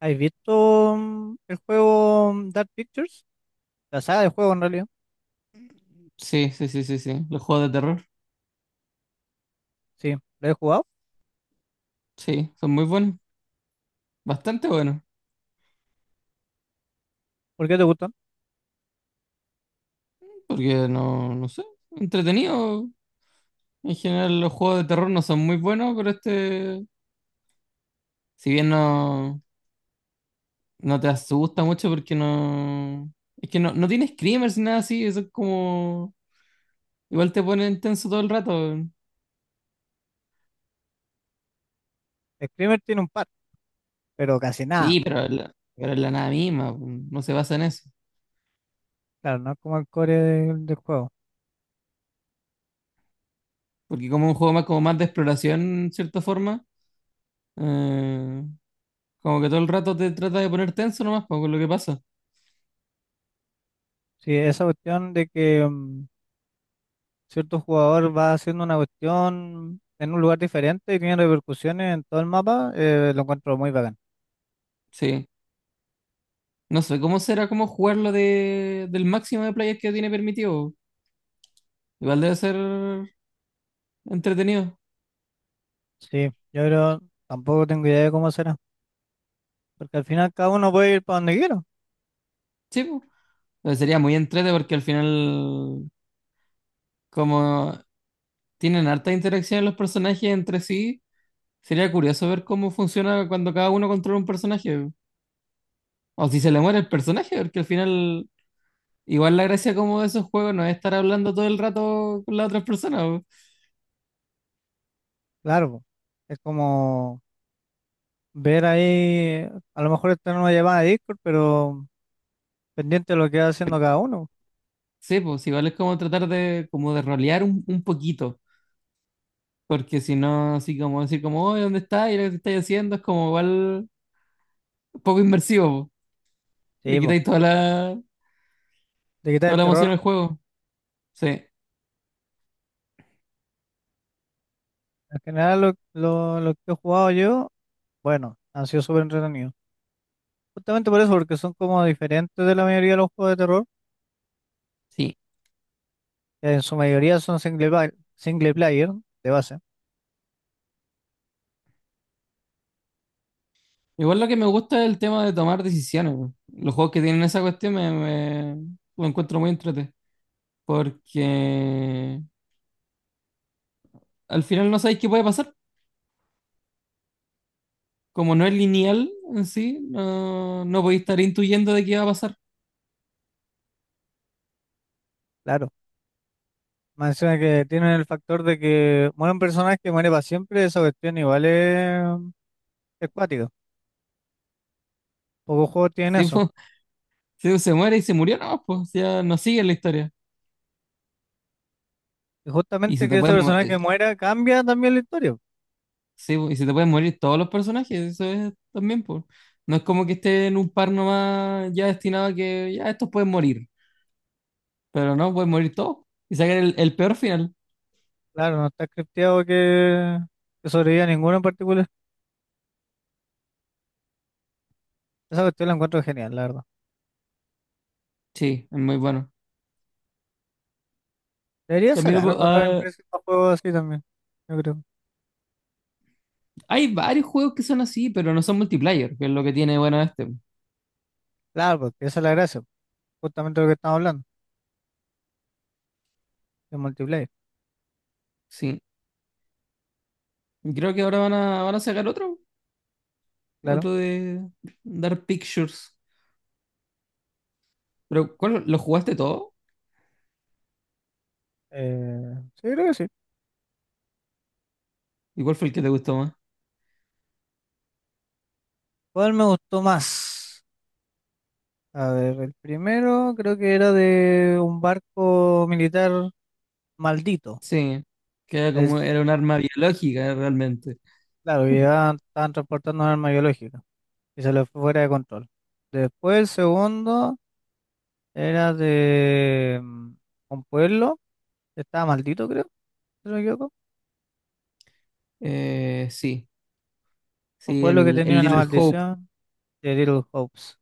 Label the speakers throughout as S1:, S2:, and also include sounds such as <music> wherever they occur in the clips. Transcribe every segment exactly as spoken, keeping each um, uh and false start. S1: ¿Has visto mm, el juego mm, Dark Pictures? La saga de juego en realidad.
S2: Sí, sí, sí, sí, sí. Los juegos de terror,
S1: Sí, lo he jugado.
S2: sí, son muy buenos, bastante buenos,
S1: ¿Por qué te gustan?
S2: porque no, no sé, entretenido. En general los juegos de terror no son muy buenos, pero este, si bien no, no te asusta mucho porque no, es que no, no tiene screamers ni nada así, eso es como, igual te ponen tenso todo el rato.
S1: Screamer tiene un par, pero casi nada.
S2: Sí, pero la, pero es la nada misma, no se basa en eso,
S1: Claro, no es como el core del, del juego.
S2: porque como un juego más, como más de exploración, en cierta forma, eh, como que todo el rato te trata de poner tenso nomás, pues, con lo que pasa.
S1: Sí, esa cuestión de que mm, cierto jugador va haciendo una cuestión en un lugar diferente y tiene repercusiones en todo el mapa, eh, lo encuentro muy bacán.
S2: Sí. No sé cómo será como jugarlo de, del máximo de players que tiene permitido. Igual debe ser entretenido.
S1: Sí, yo creo, tampoco tengo idea de cómo será, porque al final cada uno puede ir para donde quiera.
S2: Sí, po. Pero sería muy entretenido porque al final, como tienen harta interacción los personajes entre sí, sería curioso ver cómo funciona cuando cada uno controla un personaje. O si se le muere el personaje, porque al final, igual la gracia como de esos juegos no es estar hablando todo el rato con las otras personas. Po.
S1: Claro, po, es como ver ahí, a lo mejor esta una llamada de Discord, pero pendiente de lo que va haciendo cada uno.
S2: Sí, pues igual es como tratar de, como de rolear un, un poquito. Porque si no, así como decir como, oye, ¿dónde está? Y lo que estáis haciendo es como igual poco inmersivo. Po. Le
S1: Sí, po,
S2: quitáis toda la,
S1: de quitar
S2: toda
S1: el
S2: la emoción
S1: terror.
S2: al juego. Sí,
S1: En general, lo, lo, lo que he jugado yo, bueno, han sido súper entretenidos. Justamente por eso, porque son como diferentes de la mayoría de los juegos de terror,
S2: sí.
S1: que en su mayoría son single, pla- single player, de base,
S2: Igual lo que me gusta es el tema de tomar decisiones. Po. Los juegos que tienen esa cuestión me, me- lo encuentro muy entrete. Porque al final no sabéis qué puede pasar. Como no es lineal en sí, no, no podéis estar intuyendo de qué va a pasar.
S1: claro. Menciona que tienen el factor de que muere un personaje que muere para siempre, esa cuestión igual es, es cuática. Pocos juegos tienen
S2: Si,
S1: eso.
S2: po, <laughs> si se muere y se murió, no, pues ya no sigue la historia.
S1: Y
S2: Y si
S1: justamente
S2: te
S1: que ese
S2: puedes,
S1: personaje que muera cambia también la historia.
S2: Sí, po, y se te pueden morir todos los personajes, eso es también, por. No es como que esté en un par nomás ya destinado a que ya estos pueden morir, pero no, pueden morir todos y sacar el, el peor final.
S1: Claro, no está scripteado que, que sobreviva ninguno en particular. Esa cuestión la encuentro genial, la verdad.
S2: Sí, es muy bueno.
S1: Debería
S2: También lo
S1: sacar
S2: pu-
S1: otra
S2: ah,
S1: empresa para juegos así también, yo creo.
S2: hay varios juegos que son así, pero no son multiplayer, que es lo que tiene bueno este.
S1: Claro, porque esa es la gracia, justamente lo que estamos hablando, de multiplayer,
S2: Sí, y creo que ahora van a, van a sacar otro,
S1: claro.
S2: otro de Dark Pictures. Pero, ¿cuál, ¿lo jugaste todo?
S1: Eh, sí, creo que sí.
S2: ¿Y cuál fue el que te gustó más?
S1: ¿Cuál me gustó más? A ver, el primero creo que era de un barco militar maldito.
S2: Sí, que era
S1: Es,
S2: como, era un arma biológica realmente.
S1: claro, que llevaban- estaban transportando un arma biológica y se le fue fuera de control. Después el segundo... Era de mm, un pueblo que estaba maldito, creo, si no me equivoco.
S2: Eh, sí.
S1: Un
S2: Sí,
S1: pueblo que
S2: el, el
S1: tenía una, sí,
S2: Little Hope,
S1: maldición de Little Hopes.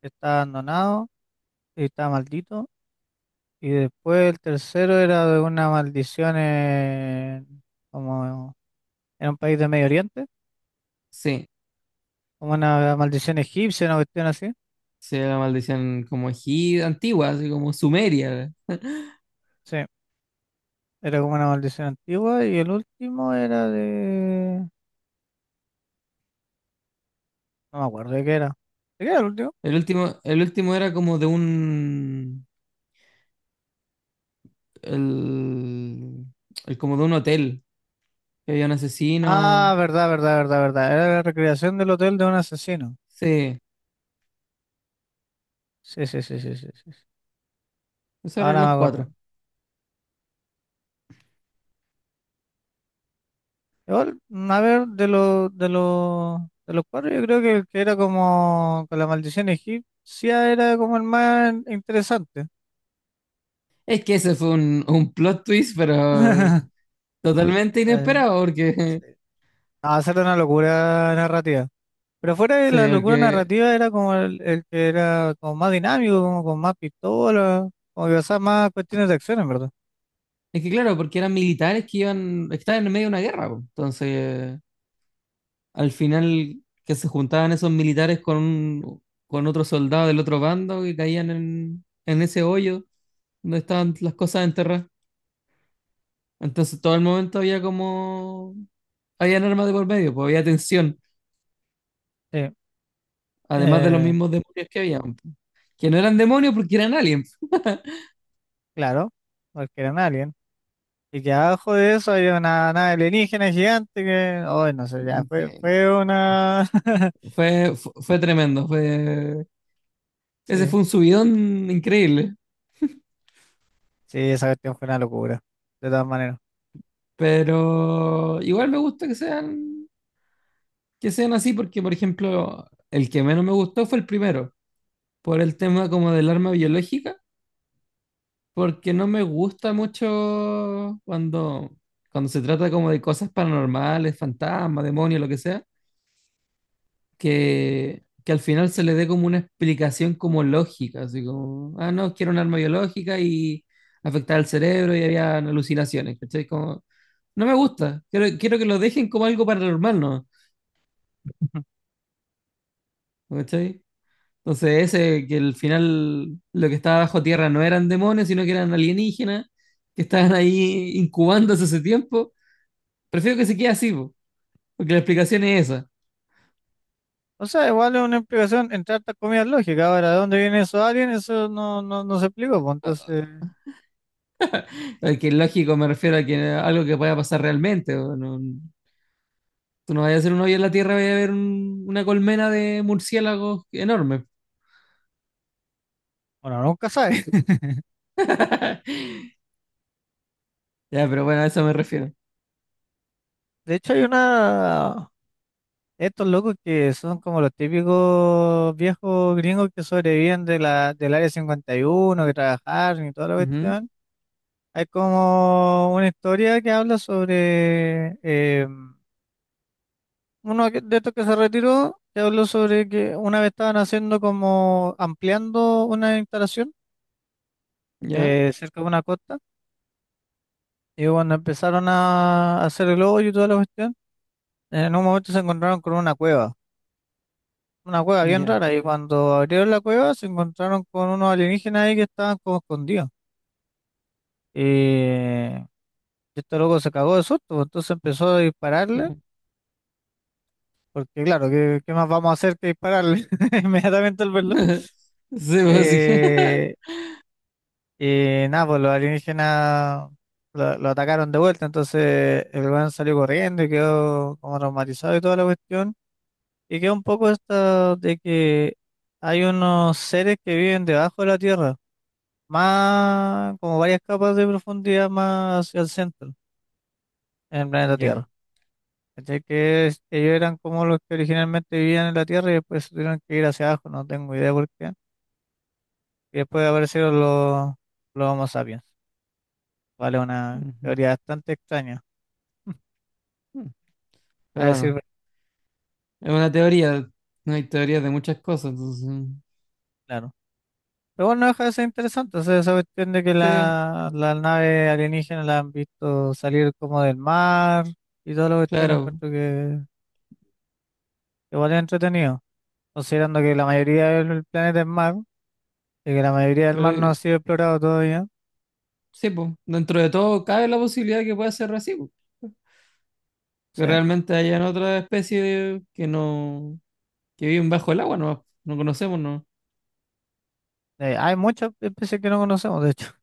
S1: Que estaba abandonado y estaba maldito. Y después el tercero era de una maldición en, como en un país de Medio Oriente,
S2: sí,
S1: como una maldición egipcia, una cuestión así.
S2: sí, era la maldición como egip- antigua, así como sumeria.
S1: Sí, era como una maldición antigua. Y el último era de... No me acuerdo de qué era. ¿De qué era el último?
S2: El último, el último era como de un, el, el como de un hotel, que había un
S1: Ah,
S2: asesino,
S1: verdad, verdad, verdad, verdad. Era la recreación del hotel de un asesino.
S2: sí,
S1: Sí, sí, sí, sí, sí, sí, sí.
S2: esos eran
S1: Ahora me
S2: los
S1: acuerdo.
S2: cuatro.
S1: Igual, mm, a ver, de los de los de los cuatro, yo creo que el que era como con la maldición egipcia era como el más interesante.
S2: Es que ese fue un, un plot twist, pero
S1: <laughs>
S2: totalmente
S1: Eh,
S2: inesperado, porque,
S1: sí.
S2: <laughs>
S1: Ah, esa una locura narrativa. Pero fuera de
S2: sí,
S1: la locura
S2: porque,
S1: narrativa era como el, el que era como más dinámico, como con más pistola, como que usaba más cuestiones de acción, en verdad.
S2: es que claro, porque eran militares que iban, estaban en medio de una guerra, po. Entonces, al final que se juntaban esos militares con, un- con otro soldado del otro bando y caían en, en ese hoyo donde estaban las cosas enterradas. Entonces todo el momento había como. Habían armas de por medio, pues había tensión,
S1: Sí.
S2: además de los
S1: Eh,
S2: mismos demonios que habían, pues, que no eran demonios porque eran aliens.
S1: claro, porque eran aliens. Y que abajo de eso había una nave alienígena gigante que, oh, no sé, ya
S2: Y
S1: fue,
S2: que
S1: fue una... <laughs>
S2: Fue, fu- fue tremendo, fue. Ese
S1: Sí,
S2: fue un subidón increíble,
S1: sí, esa cuestión fue una locura, de todas maneras.
S2: pero igual me gusta que sean, que sean así porque, por ejemplo, el que menos me gustó fue el primero por el tema como del arma biológica, porque no me gusta mucho cuando, cuando se trata como de cosas paranormales, fantasmas, demonios, lo que sea, que, que al final se le dé como una explicación como lógica, así como, ah, no, quiero un arma biológica y afectar al cerebro y había alucinaciones, ¿cachai? Como, no me gusta, quiero, quiero que lo dejen como algo paranormal, ¿no?
S1: <laughs>
S2: ¿Cachai? Entonces, ese que al final lo que estaba bajo tierra no eran demonios, sino que eran alienígenas que estaban ahí incubándose hace tiempo. Prefiero que se quede así, po, porque la explicación es esa.
S1: O sea, igual es una explicación entre hartas comidas lógicas. Ahora, ¿de dónde vienen esos aliens? Eso no, no, no se explicó, pues entonces,
S2: Eh, Que lógico me refiero a que algo que pueda pasar realmente. O no- tú no vayas a hacer un hoyo en la tierra, vaya a ver un- una colmena de murciélagos enorme.
S1: bueno, nunca sabe. <laughs>
S2: Ya, pero bueno, a eso me refiero.
S1: De hecho, hay una... Estos locos que son como los típicos viejos gringos que sobreviven de la, del área cincuenta y uno, que trabajaron y toda la
S2: Ujú,
S1: cuestión. Hay como una historia que habla sobre eh, uno que- de estos que se retiró, que habló sobre que una vez estaban haciendo como ampliando una instalación,
S2: ya,
S1: eh, cerca de una costa, y cuando empezaron a hacer el hoyo y toda la cuestión, en un momento se encontraron con una cueva, una cueva bien
S2: ya.
S1: rara, y cuando abrieron la cueva se encontraron con unos alienígenas ahí que estaban como escondidos, y este loco se cagó de susto, pues, entonces empezó a
S2: Sí,
S1: dispararle.
S2: po.
S1: Porque claro, ¿qué, qué más vamos a hacer que dispararle <laughs> inmediatamente al verlo?
S2: <laughs> Sí, po, sí.
S1: Eh,
S2: <laughs>
S1: y nada, pues los alienígenas lo, lo atacaron de vuelta, entonces el weón salió corriendo y quedó como traumatizado y toda la cuestión. Y quedó un poco esto de que hay unos seres que viven debajo de la Tierra, más como varias capas de profundidad más hacia el centro, en el planeta Tierra.
S2: Ya.
S1: ¿Cachai? Que es- ellos eran como los que originalmente vivían en la Tierra y después se tuvieron que ir hacia abajo, no tengo idea por qué. Y después aparecieron los, los Homo sapiens. Vale, una
S2: Ujú.
S1: teoría bastante extraña, a
S2: Pero
S1: decir
S2: bueno.
S1: verdad,
S2: Es una teoría, no hay teorías de muchas cosas, entonces,
S1: claro. Pero bueno, no deja de ser interesante. O sea, esa cuestión de que
S2: sí,
S1: la, la nave alienígena la han visto salir como del mar y toda la cuestión,
S2: claro,
S1: encuentro que que igual es entretenido. Considerando que la mayoría del planeta es mar y que la mayoría del
S2: creo
S1: mar no ha
S2: que-
S1: sido explorado todavía.
S2: sí, pues, dentro de todo cabe la posibilidad que pueda ser así, po, que
S1: Sí.
S2: realmente hayan otra especie que no, que viven bajo el agua, no, no conocemos, no,
S1: Eh, hay muchas especies que no conocemos, de hecho,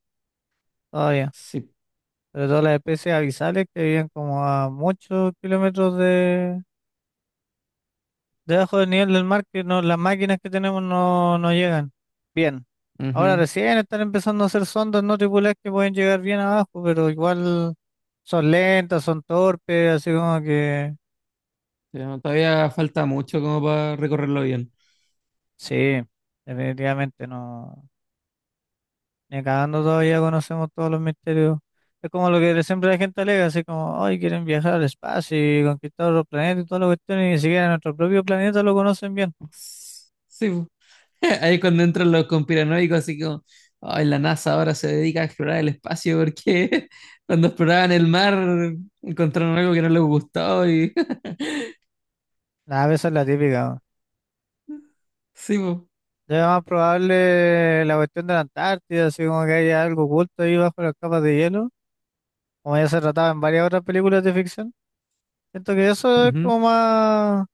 S1: todavía.
S2: sí,
S1: Pero todas las especies abisales que viven como a muchos kilómetros de debajo del nivel del mar, que no, las máquinas que tenemos no, no llegan bien. Ahora
S2: ujú.
S1: recién están empezando a hacer sondas no tripuladas que pueden llegar bien abajo, pero igual son lentas, son torpes, así como que
S2: Ya, todavía falta mucho como para recorrerlo bien.
S1: sí, definitivamente no. Ni cagando todavía conocemos todos los misterios. Es como lo que siempre la gente alega, así como, hoy quieren viajar al espacio y conquistar otros planetas y todas las cuestiones, y ni siquiera nuestro propio planeta lo conocen bien.
S2: Sí, <laughs> ahí es cuando entran los conspiranoicos, así como, ay, la NASA ahora se dedica a explorar el espacio porque <laughs> cuando exploraban el mar encontraron algo que no les gustó y <laughs>
S1: Nada, esa es la típica.
S2: sí, po.
S1: Es más probable la cuestión de la Antártida, así como que haya algo oculto ahí bajo las capas de hielo, como ya se trataba en varias otras películas de ficción. Siento que eso es
S2: Ujú.
S1: como más,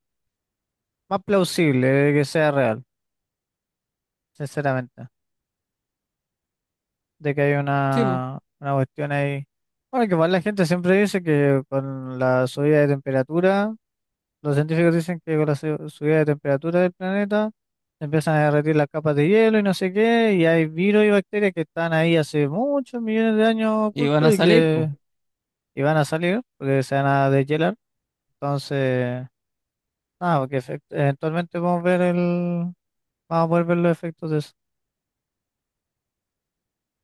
S1: más plausible de que sea real, sinceramente, de que hay
S2: Sí, po.
S1: una, una cuestión ahí. Bueno, que igual la gente siempre dice que con la subida de temperatura. Los científicos dicen que con la su- subida de temperatura del planeta empiezan a derretir las capas de hielo y no sé qué, y hay virus y bacterias que están ahí hace muchos millones de años
S2: Y van
S1: ocultos,
S2: a
S1: y
S2: salir,
S1: que
S2: po.
S1: y van a salir porque se van a deshielar. Entonces, nada, porque efect- eventualmente vamos a ver el, vamos a poder ver los efectos de eso,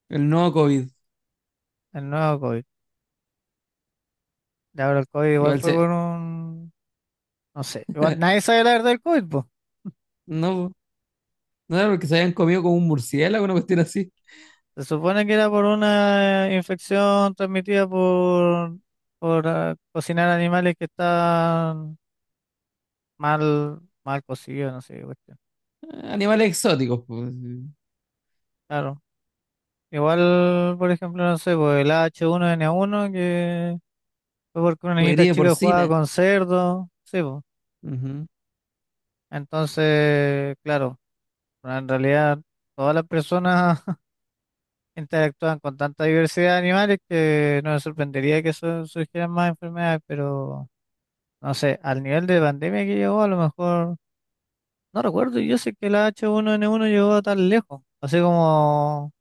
S2: El nuevo COVID.
S1: el nuevo COVID. Y ahora el COVID igual
S2: Igual
S1: fue por
S2: se.
S1: un, no sé, igual
S2: <laughs>
S1: nadie sabe la verdad del COVID.
S2: No, po. No era porque se habían comido como un murciélago, una cuestión así.
S1: Se supone que era por una eh, infección transmitida por, por ah, cocinar animales que están mal, mal cocidos, no sé qué cuestión.
S2: Animales exóticos, pues.
S1: Claro. Igual, por ejemplo, no sé, pues el H uno N uno, que fue porque una
S2: La
S1: niñita
S2: gripe
S1: chica jugaba
S2: porcina.
S1: con cerdo, sí, pues.
S2: Ujú.
S1: Entonces, claro, pero en realidad todas las personas <laughs> interactúan con tanta diversidad de animales que no me sorprendería que su- surgieran más enfermedades, pero... No sé, al nivel de pandemia que llegó, a lo mejor, no recuerdo, yo sé que la H uno N uno llegó tan lejos, así como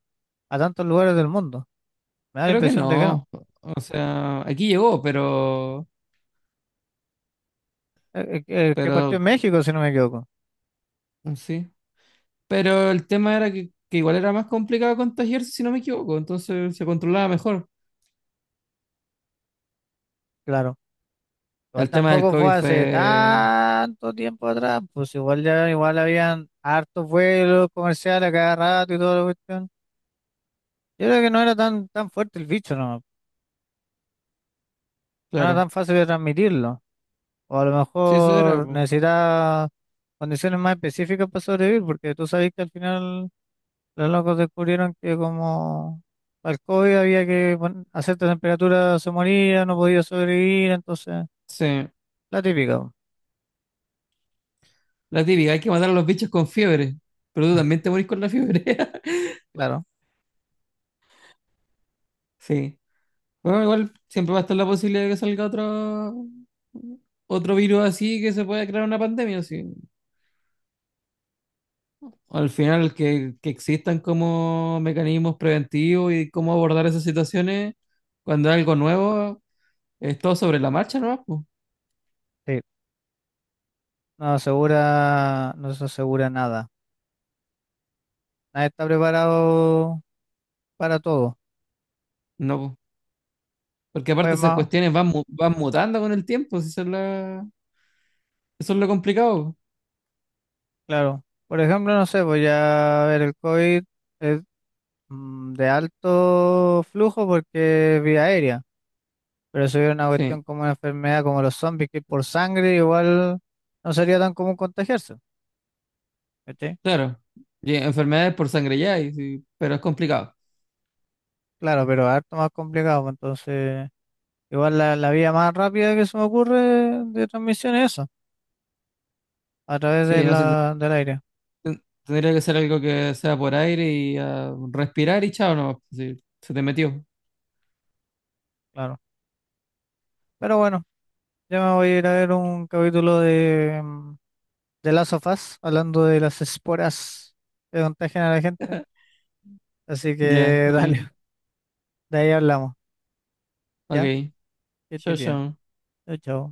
S1: a tantos lugares del mundo. Me da la
S2: Creo que
S1: impresión de que no.
S2: no. O sea, aquí llegó, pero.
S1: Eh, eh, que que partió
S2: Pero.
S1: en México, si no me equivoco.
S2: Sí. Pero el tema era que, que igual era más complicado contagiarse, si no me equivoco, entonces se controlaba mejor.
S1: Claro. Igual
S2: El tema del
S1: tampoco fue
S2: COVID
S1: hace
S2: fue,
S1: tanto tiempo atrás, pues igual ya, igual habían hartos vuelos comerciales a cada rato y toda la cuestión. Yo creo que no era tan, tan fuerte el bicho, no, no era
S2: claro,
S1: tan fácil de transmitirlo. O a lo
S2: sí, eso era,
S1: mejor
S2: po.
S1: necesitaba condiciones más específicas para sobrevivir, porque tú sabes que al final los locos descubrieron que como para el COVID había que pon- a cierta temperatura se moría, no podía sobrevivir, entonces
S2: Sí,
S1: la típica, po.
S2: la típica, hay que matar a los bichos con fiebre, pero tú también
S1: <laughs>
S2: te morís con la fiebre. <laughs>
S1: Claro,
S2: Sí. Bueno, igual siempre va a estar la posibilidad de que salga otro otro virus así que se pueda crear una pandemia sí. Al final que, que existan como mecanismos preventivos y cómo abordar esas situaciones cuando es algo nuevo, es todo sobre la marcha, ¿no?
S1: sí, no asegura, no se asegura nada, nadie está preparado para todo,
S2: No, po. Porque aparte
S1: pues
S2: esas
S1: más,
S2: cuestiones van, mu- van mutando con el tiempo, si eso es, la- eso es lo complicado. Po.
S1: claro, por ejemplo, no sé, voy a ver el COVID es mm, de alto flujo porque es vía aérea. Pero si hubiera una
S2: Sí,
S1: cuestión como una enfermedad como los zombies, que es por sangre, igual no sería tan común contagiarse, ¿cachai?
S2: claro. Y enfermedades por sangre ya, y sí, pero es complicado.
S1: Claro, pero harto más complicado, pues, entonces igual la, la vía más rápida que se me ocurre de transmisión es eso, a través de
S2: Sí, no sé, ten-
S1: la, del aire,
S2: ten- tendría que ser algo que sea por aire y ah, respirar y chao, no, se te metió.
S1: claro. Pero bueno, ya me voy a ir a ver un capítulo de, mm, de Last of Us, hablando de las esporas que contagian a la gente,
S2: <laughs>
S1: así
S2: Ya,
S1: que
S2: dale.
S1: dale, <laughs> de ahí hablamos, ¿ya?
S2: Ok.
S1: Que
S2: Chao,
S1: estés bien,
S2: chao.
S1: chao, chao.